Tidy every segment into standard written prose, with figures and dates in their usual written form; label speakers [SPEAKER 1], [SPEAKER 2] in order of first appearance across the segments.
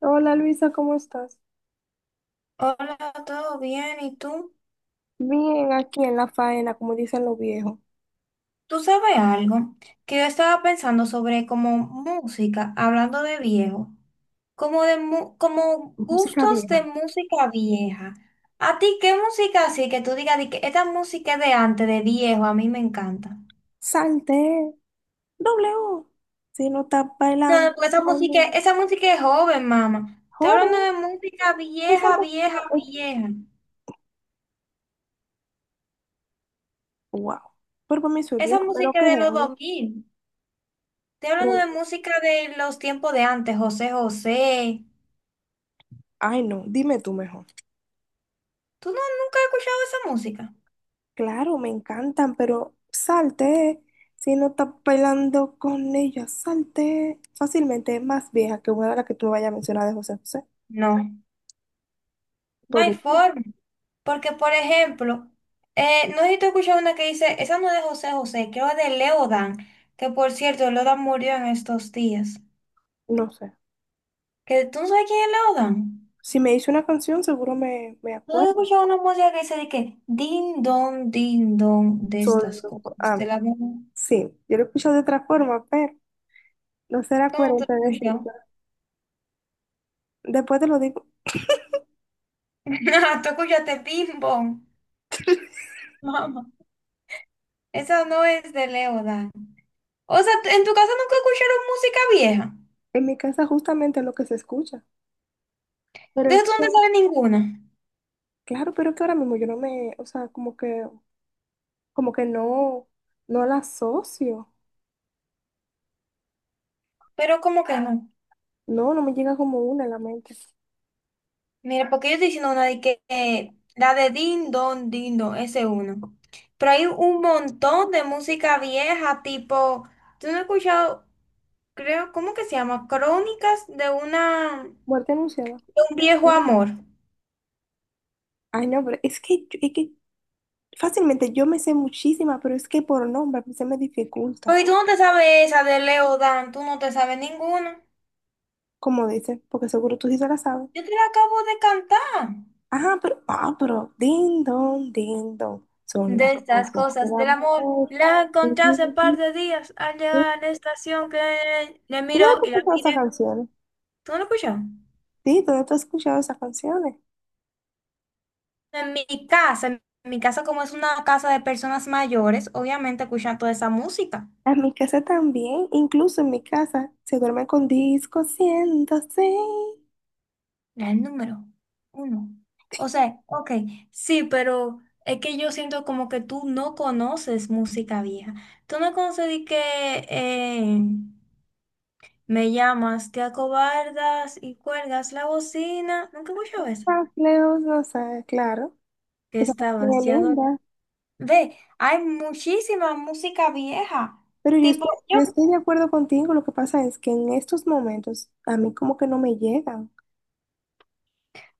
[SPEAKER 1] Hola Luisa, ¿cómo estás?
[SPEAKER 2] Hola, ¿todo bien? ¿Y tú?
[SPEAKER 1] Bien, aquí en la faena, como dicen los viejos.
[SPEAKER 2] ¿Tú sabes algo? Que yo estaba pensando sobre como música, hablando de viejo, como
[SPEAKER 1] Música
[SPEAKER 2] gustos de
[SPEAKER 1] vieja.
[SPEAKER 2] música vieja. ¿A ti qué música así que tú digas de que esta música es de antes, de viejo, a mí me encanta?
[SPEAKER 1] Salte, doble O. Si no estás
[SPEAKER 2] No,
[SPEAKER 1] bailando,
[SPEAKER 2] no, porque
[SPEAKER 1] cuando-
[SPEAKER 2] esa música es joven, mamá. Estoy hablando de
[SPEAKER 1] joro.
[SPEAKER 2] música
[SPEAKER 1] Esa
[SPEAKER 2] vieja,
[SPEAKER 1] música
[SPEAKER 2] vieja,
[SPEAKER 1] es...
[SPEAKER 2] vieja.
[SPEAKER 1] Wow. Pero para mí soy
[SPEAKER 2] Esa
[SPEAKER 1] viejo, pero
[SPEAKER 2] música
[SPEAKER 1] qué
[SPEAKER 2] de los dos
[SPEAKER 1] género.
[SPEAKER 2] mil. Estoy hablando de
[SPEAKER 1] Pero-
[SPEAKER 2] música de los tiempos de antes, José José.
[SPEAKER 1] Ay, no, dime tú mejor.
[SPEAKER 2] ¿Tú no, nunca has escuchado esa música?
[SPEAKER 1] Claro, me encantan, pero salte. Si no estás bailando con ella, salte. Fácilmente es más vieja que una de las que tú me vayas a mencionar de José José.
[SPEAKER 2] No. No hay
[SPEAKER 1] Todavía,
[SPEAKER 2] forma. Porque, por ejemplo, no sé si tú una que dice, esa no es de José José, creo que es de Leodan, que por cierto, Leodan murió en estos días.
[SPEAKER 1] no sé.
[SPEAKER 2] ¿Que tú no sabes quién es Leodan?
[SPEAKER 1] Si me hice una canción, seguro me
[SPEAKER 2] ¿No he
[SPEAKER 1] acuerdo.
[SPEAKER 2] escuchado una música que dice de que din don, de
[SPEAKER 1] Solo,
[SPEAKER 2] estas cosas? De
[SPEAKER 1] ah,
[SPEAKER 2] la ¿cómo
[SPEAKER 1] sí, yo lo escucho de otra forma, pero no será
[SPEAKER 2] tú has
[SPEAKER 1] coherente decirlo.
[SPEAKER 2] escuchado?
[SPEAKER 1] Después te lo digo.
[SPEAKER 2] No, tú escuchaste bim bom, mamá. Esa no es de Leodan. O sea, ¿en tu casa nunca escucharon música vieja?
[SPEAKER 1] En mi casa justamente es lo que se escucha. Pero es
[SPEAKER 2] Entonces tú no
[SPEAKER 1] que,
[SPEAKER 2] te sabes ninguna,
[SPEAKER 1] claro, pero que ahora mismo yo no me, o sea, como que no, no la asocio.
[SPEAKER 2] pero como que no.
[SPEAKER 1] No, no me llega como una en la mente.
[SPEAKER 2] Mira, porque yo estoy diciendo una de que la de Din Don, Din Don, ese es uno. Pero hay un montón de música vieja, tipo, tú no has escuchado, creo, ¿cómo que se llama? Crónicas de una, de
[SPEAKER 1] Muerte anunciada.
[SPEAKER 2] un viejo amor.
[SPEAKER 1] Ay, no, pero es que, es que fácilmente yo me sé muchísima, pero es que por nombre se me dificulta,
[SPEAKER 2] Porque tú no te sabes esa de Leo Dan, tú no te sabes ninguna.
[SPEAKER 1] como dice, porque seguro tú sí se la sabes.
[SPEAKER 2] Yo te la acabo de cantar.
[SPEAKER 1] Ah, pero, ding dong, son las
[SPEAKER 2] De estas
[SPEAKER 1] cosas del
[SPEAKER 2] cosas del amor,
[SPEAKER 1] amor.
[SPEAKER 2] la
[SPEAKER 1] ¿Y
[SPEAKER 2] encontré hace par
[SPEAKER 1] ¿Dónde
[SPEAKER 2] de días al llegar a la estación que le
[SPEAKER 1] tú
[SPEAKER 2] miro
[SPEAKER 1] has
[SPEAKER 2] y la
[SPEAKER 1] escuchado esas
[SPEAKER 2] miré.
[SPEAKER 1] canciones?
[SPEAKER 2] ¿Tú no lo escuchas?
[SPEAKER 1] Sí, ¿dónde tú has escuchado esas canciones?
[SPEAKER 2] En mi casa como es una casa de personas mayores, obviamente escuchan toda esa música.
[SPEAKER 1] En mi casa también, incluso en mi casa, se duerme con disco 106.
[SPEAKER 2] Era el número 1. O sea, ok, sí, pero es que yo siento como que tú no conoces música vieja. Tú no conoces de que eh, me llamas, te acobardas y cuelgas la bocina. Nunca he escuchado eso.
[SPEAKER 1] Más lejos, no sé, claro.
[SPEAKER 2] Que
[SPEAKER 1] Esa
[SPEAKER 2] está
[SPEAKER 1] canción es
[SPEAKER 2] vaciado.
[SPEAKER 1] linda.
[SPEAKER 2] Ve, hay muchísima música vieja.
[SPEAKER 1] Pero yo
[SPEAKER 2] Tipo,
[SPEAKER 1] estoy,
[SPEAKER 2] yo,
[SPEAKER 1] yo estoy de acuerdo contigo, lo que pasa es que en estos momentos a mí como que no me llegan.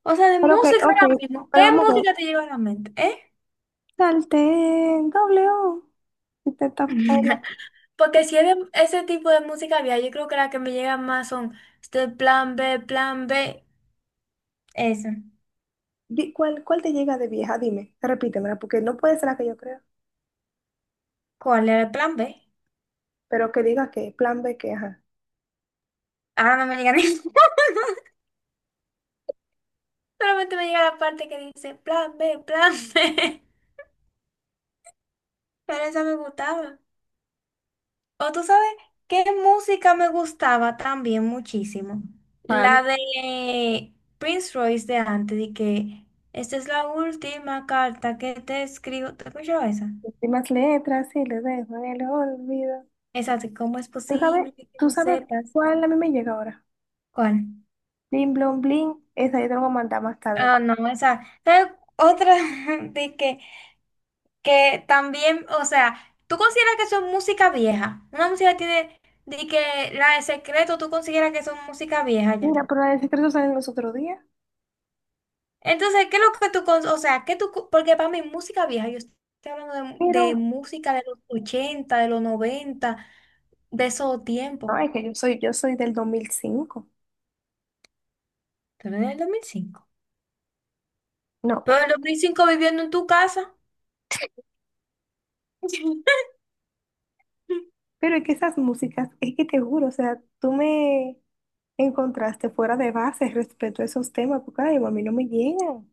[SPEAKER 2] o sea, de
[SPEAKER 1] Pero ok,
[SPEAKER 2] música
[SPEAKER 1] ok,
[SPEAKER 2] ahora mismo. ¿Qué
[SPEAKER 1] pero vamos a ver.
[SPEAKER 2] música te llega a la mente? ¿Eh?
[SPEAKER 1] Salté, doble O. Y te tapó la-
[SPEAKER 2] Porque si es de ese tipo de música había, yo creo que la que me llega más son este plan B. Eso.
[SPEAKER 1] ¿Cuál te llega de vieja? Dime, repítemela, porque no puede ser la que yo creo.
[SPEAKER 2] ¿Cuál era el plan B?
[SPEAKER 1] Pero que diga que plan B, que ajá.
[SPEAKER 2] Ahora no me llega ni. Solamente me llega la parte que dice plan B. Pero esa me gustaba. O tú sabes qué música me gustaba también muchísimo.
[SPEAKER 1] Vale.
[SPEAKER 2] La de Prince Royce de antes, de que esta es la última carta que te escribo. ¿Te escuchó esa?
[SPEAKER 1] Últimas letras y le dejo en el olvido.
[SPEAKER 2] Esa de cómo es
[SPEAKER 1] ¿Tú sabes,
[SPEAKER 2] posible que
[SPEAKER 1] tú
[SPEAKER 2] no
[SPEAKER 1] sabes
[SPEAKER 2] sepas
[SPEAKER 1] cuál a mí me llega ahora?
[SPEAKER 2] cuál.
[SPEAKER 1] Bling, blon, bling. Esa yo te la voy a mandar más tarde.
[SPEAKER 2] Ah, no, esa. ¿Sabes? Otra, de que también, o sea, ¿tú consideras que son música vieja? Una música tiene, de que la de secreto, ¿tú consideras que son música vieja ya?
[SPEAKER 1] Mira, pero la del secreto sale los otros días.
[SPEAKER 2] Entonces, ¿qué es lo que tú, porque para mí música vieja, yo estoy hablando
[SPEAKER 1] Pero,
[SPEAKER 2] de música de los 80, de los 90, de esos tiempos.
[SPEAKER 1] no, es que yo soy del 2005.
[SPEAKER 2] Pero en el 2005.
[SPEAKER 1] No,
[SPEAKER 2] Pero en el 2005 viviendo en tu casa.
[SPEAKER 1] pero es que esas músicas, es que te juro, o sea, tú me encontraste fuera de base respecto a esos temas, porque ay, a mí no me llegan.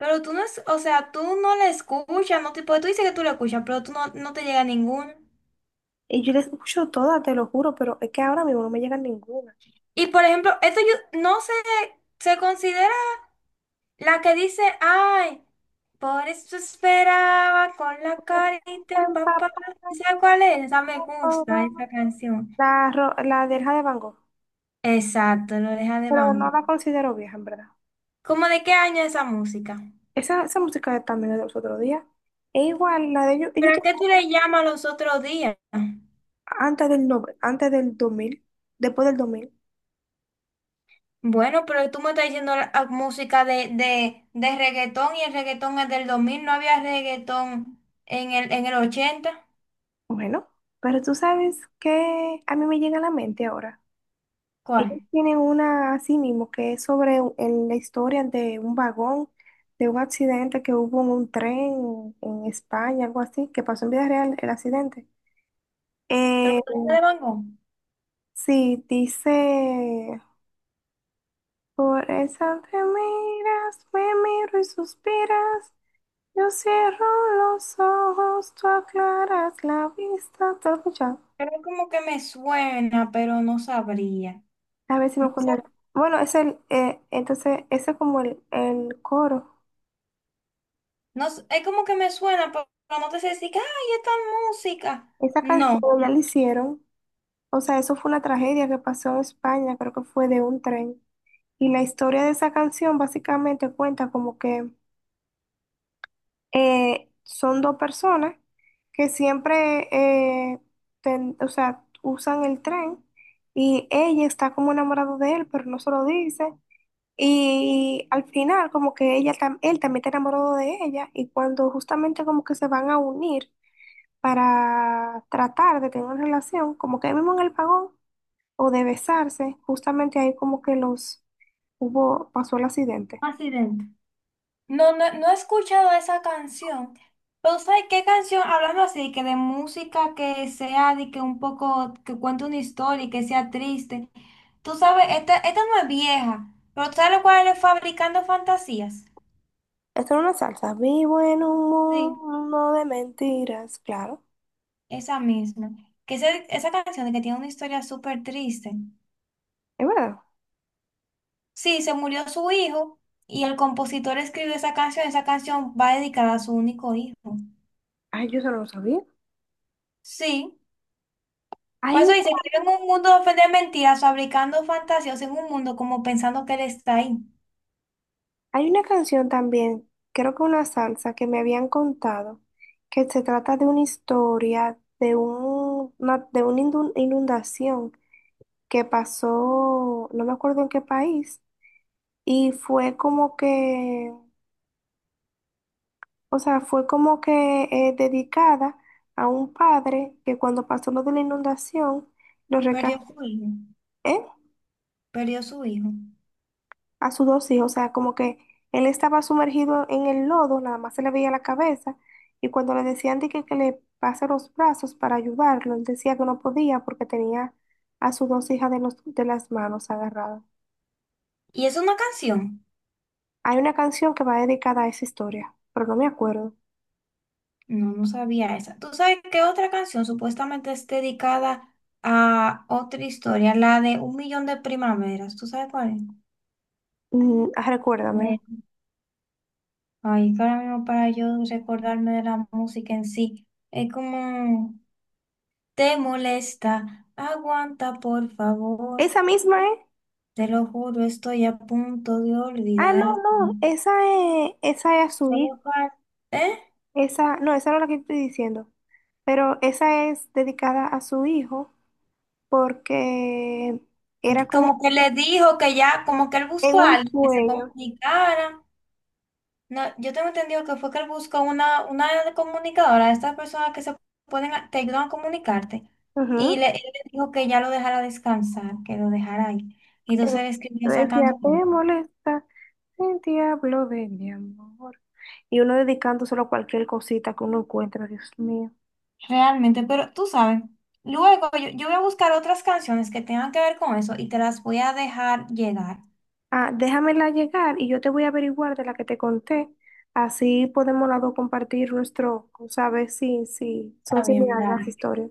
[SPEAKER 2] Pero tú no, o sea, tú no la escuchas, no te, porque tú dices que tú la escuchas, pero tú no, no te llega ninguna.
[SPEAKER 1] Y yo les escucho todas, te lo juro, pero es que ahora mismo no me llegan ninguna.
[SPEAKER 2] Y por ejemplo, esto yo no se, se considera la que dice, ay, por eso esperaba con la carita empapada. ¿Sabes cuál es? Esa me gusta, esa canción.
[SPEAKER 1] La, la de Hija de Van Gogh,
[SPEAKER 2] Exacto, lo deja de
[SPEAKER 1] pero no
[SPEAKER 2] Bango.
[SPEAKER 1] la considero vieja, en verdad.
[SPEAKER 2] ¿Cómo de qué año es esa música?
[SPEAKER 1] Esa música también es de los otros días. E igual, la de ellos, ellos
[SPEAKER 2] ¿Pero a
[SPEAKER 1] tienen
[SPEAKER 2] qué tú le llamas los otros días?
[SPEAKER 1] antes del, antes del 2000, después del 2000.
[SPEAKER 2] Bueno, pero tú me estás diciendo música de, reggaetón, y el reggaetón es del 2000, no había reggaetón en el 80.
[SPEAKER 1] Bueno, pero tú sabes que a mí me llega a la mente ahora. Ellos
[SPEAKER 2] ¿Cuál?
[SPEAKER 1] tienen una así mismo que es sobre en la historia de un vagón, de un accidente que hubo en un tren en España, algo así, que pasó en vida real el accidente.
[SPEAKER 2] ¿Pero
[SPEAKER 1] Eh,
[SPEAKER 2] lo deja de Bango?
[SPEAKER 1] sí, dice, por esa te miras, me miro y suspiras, yo cierro los ojos, tú aclaras la vista, ¿te lo has escuchado?
[SPEAKER 2] Pero como que me suena, pero no sabría.
[SPEAKER 1] A ver si me acuerdo. Bueno, es entonces, ese es como el coro.
[SPEAKER 2] No, es como que me suena, pero no te sé decir que, ay, esta música.
[SPEAKER 1] Esa
[SPEAKER 2] No,
[SPEAKER 1] canción ya la hicieron. O sea, eso fue una tragedia que pasó en España, creo que fue de un tren. Y la historia de esa canción básicamente cuenta como que son dos personas que siempre, eh, o sea, usan el tren y ella está como enamorada de él, pero no se lo dice. Y al final como que ella, él también está enamorado de ella y cuando justamente como que se van a unir para tratar de tener una relación, como que ahí mismo en el vagón o de besarse, justamente ahí como que los hubo, pasó el accidente.
[SPEAKER 2] Accidente. No, no, No he escuchado esa canción. Pero ¿sabes qué canción? Hablando así, que de música que sea, de que un poco, que cuente una historia y que sea triste. Tú sabes, esta no es vieja, pero ¿tú ¿sabes cuál es Fabricando Fantasías?
[SPEAKER 1] Esto era una salsa. Vivo en un
[SPEAKER 2] Sí,
[SPEAKER 1] mundo de mentiras, claro.
[SPEAKER 2] esa misma. Esa canción de que tiene una historia súper triste.
[SPEAKER 1] Es verdad.
[SPEAKER 2] Sí, se murió su hijo y el compositor escribió esa canción. Esa canción va dedicada a su único hijo.
[SPEAKER 1] Ay, yo solo lo sabía.
[SPEAKER 2] Sí, por
[SPEAKER 1] Hay
[SPEAKER 2] eso
[SPEAKER 1] una,
[SPEAKER 2] dice que vive en un mundo de de mentiras, fabricando fantasías en un mundo como pensando que él está ahí.
[SPEAKER 1] hay una canción también, creo que una salsa que me habían contado, que se trata de una historia de un, una, de una inundación que pasó, no me acuerdo en qué país, y fue como que, o sea, fue como que dedicada a un padre que cuando pasó lo de la inundación, lo
[SPEAKER 2] Perdió
[SPEAKER 1] rescató
[SPEAKER 2] su hijo, perdió su hijo.
[SPEAKER 1] a sus dos hijos. O sea, como que él estaba sumergido en el lodo, nada más se le veía la cabeza. Y cuando le decían de que le pase los brazos para ayudarlo, él decía que no podía porque tenía a sus dos hijas de las manos agarradas.
[SPEAKER 2] ¿Y es una canción?
[SPEAKER 1] Hay una canción que va dedicada a esa historia, pero no me acuerdo.
[SPEAKER 2] No, no sabía esa. ¿Tú sabes qué otra canción supuestamente es dedicada a otra historia? La de Un Millón de Primaveras. ¿Tú sabes cuál es?
[SPEAKER 1] Mm, recuérdamela.
[SPEAKER 2] Ay, que ahora mismo para yo recordarme de la música en sí, es como, te molesta, aguanta por favor,
[SPEAKER 1] Esa misma, ¿eh?
[SPEAKER 2] te lo juro, estoy a punto de
[SPEAKER 1] Ah, no,
[SPEAKER 2] olvidarte.
[SPEAKER 1] no, esa es a su hijo.
[SPEAKER 2] Solo fal- ¿Eh?
[SPEAKER 1] Esa no es la que estoy diciendo. Pero esa es dedicada a su hijo porque era como
[SPEAKER 2] Como que le dijo que ya, como que él
[SPEAKER 1] en
[SPEAKER 2] buscó a
[SPEAKER 1] un
[SPEAKER 2] alguien que se
[SPEAKER 1] sueño.
[SPEAKER 2] comunicara. No, yo tengo entendido que fue que él buscó una comunicadora, estas personas que se pueden, te ayudan a comunicarte, y
[SPEAKER 1] Ujú.
[SPEAKER 2] le, él le dijo que ya lo dejara descansar, que lo dejara ahí. Y entonces
[SPEAKER 1] Pero
[SPEAKER 2] él escribió
[SPEAKER 1] yo
[SPEAKER 2] esa
[SPEAKER 1] decía, te
[SPEAKER 2] canción.
[SPEAKER 1] molesta el diablo de mi amor. Y uno dedicándoselo a cualquier cosita que uno encuentra, Dios mío.
[SPEAKER 2] Realmente, pero tú sabes, luego yo, yo voy a buscar otras canciones que tengan que ver con eso y te las voy a dejar llegar.
[SPEAKER 1] Ah, déjamela llegar y yo te voy a averiguar de la que te conté. Así podemos las dos compartir nuestro, saber si, si
[SPEAKER 2] Está
[SPEAKER 1] son
[SPEAKER 2] bien,
[SPEAKER 1] similares las
[SPEAKER 2] dale.
[SPEAKER 1] historias.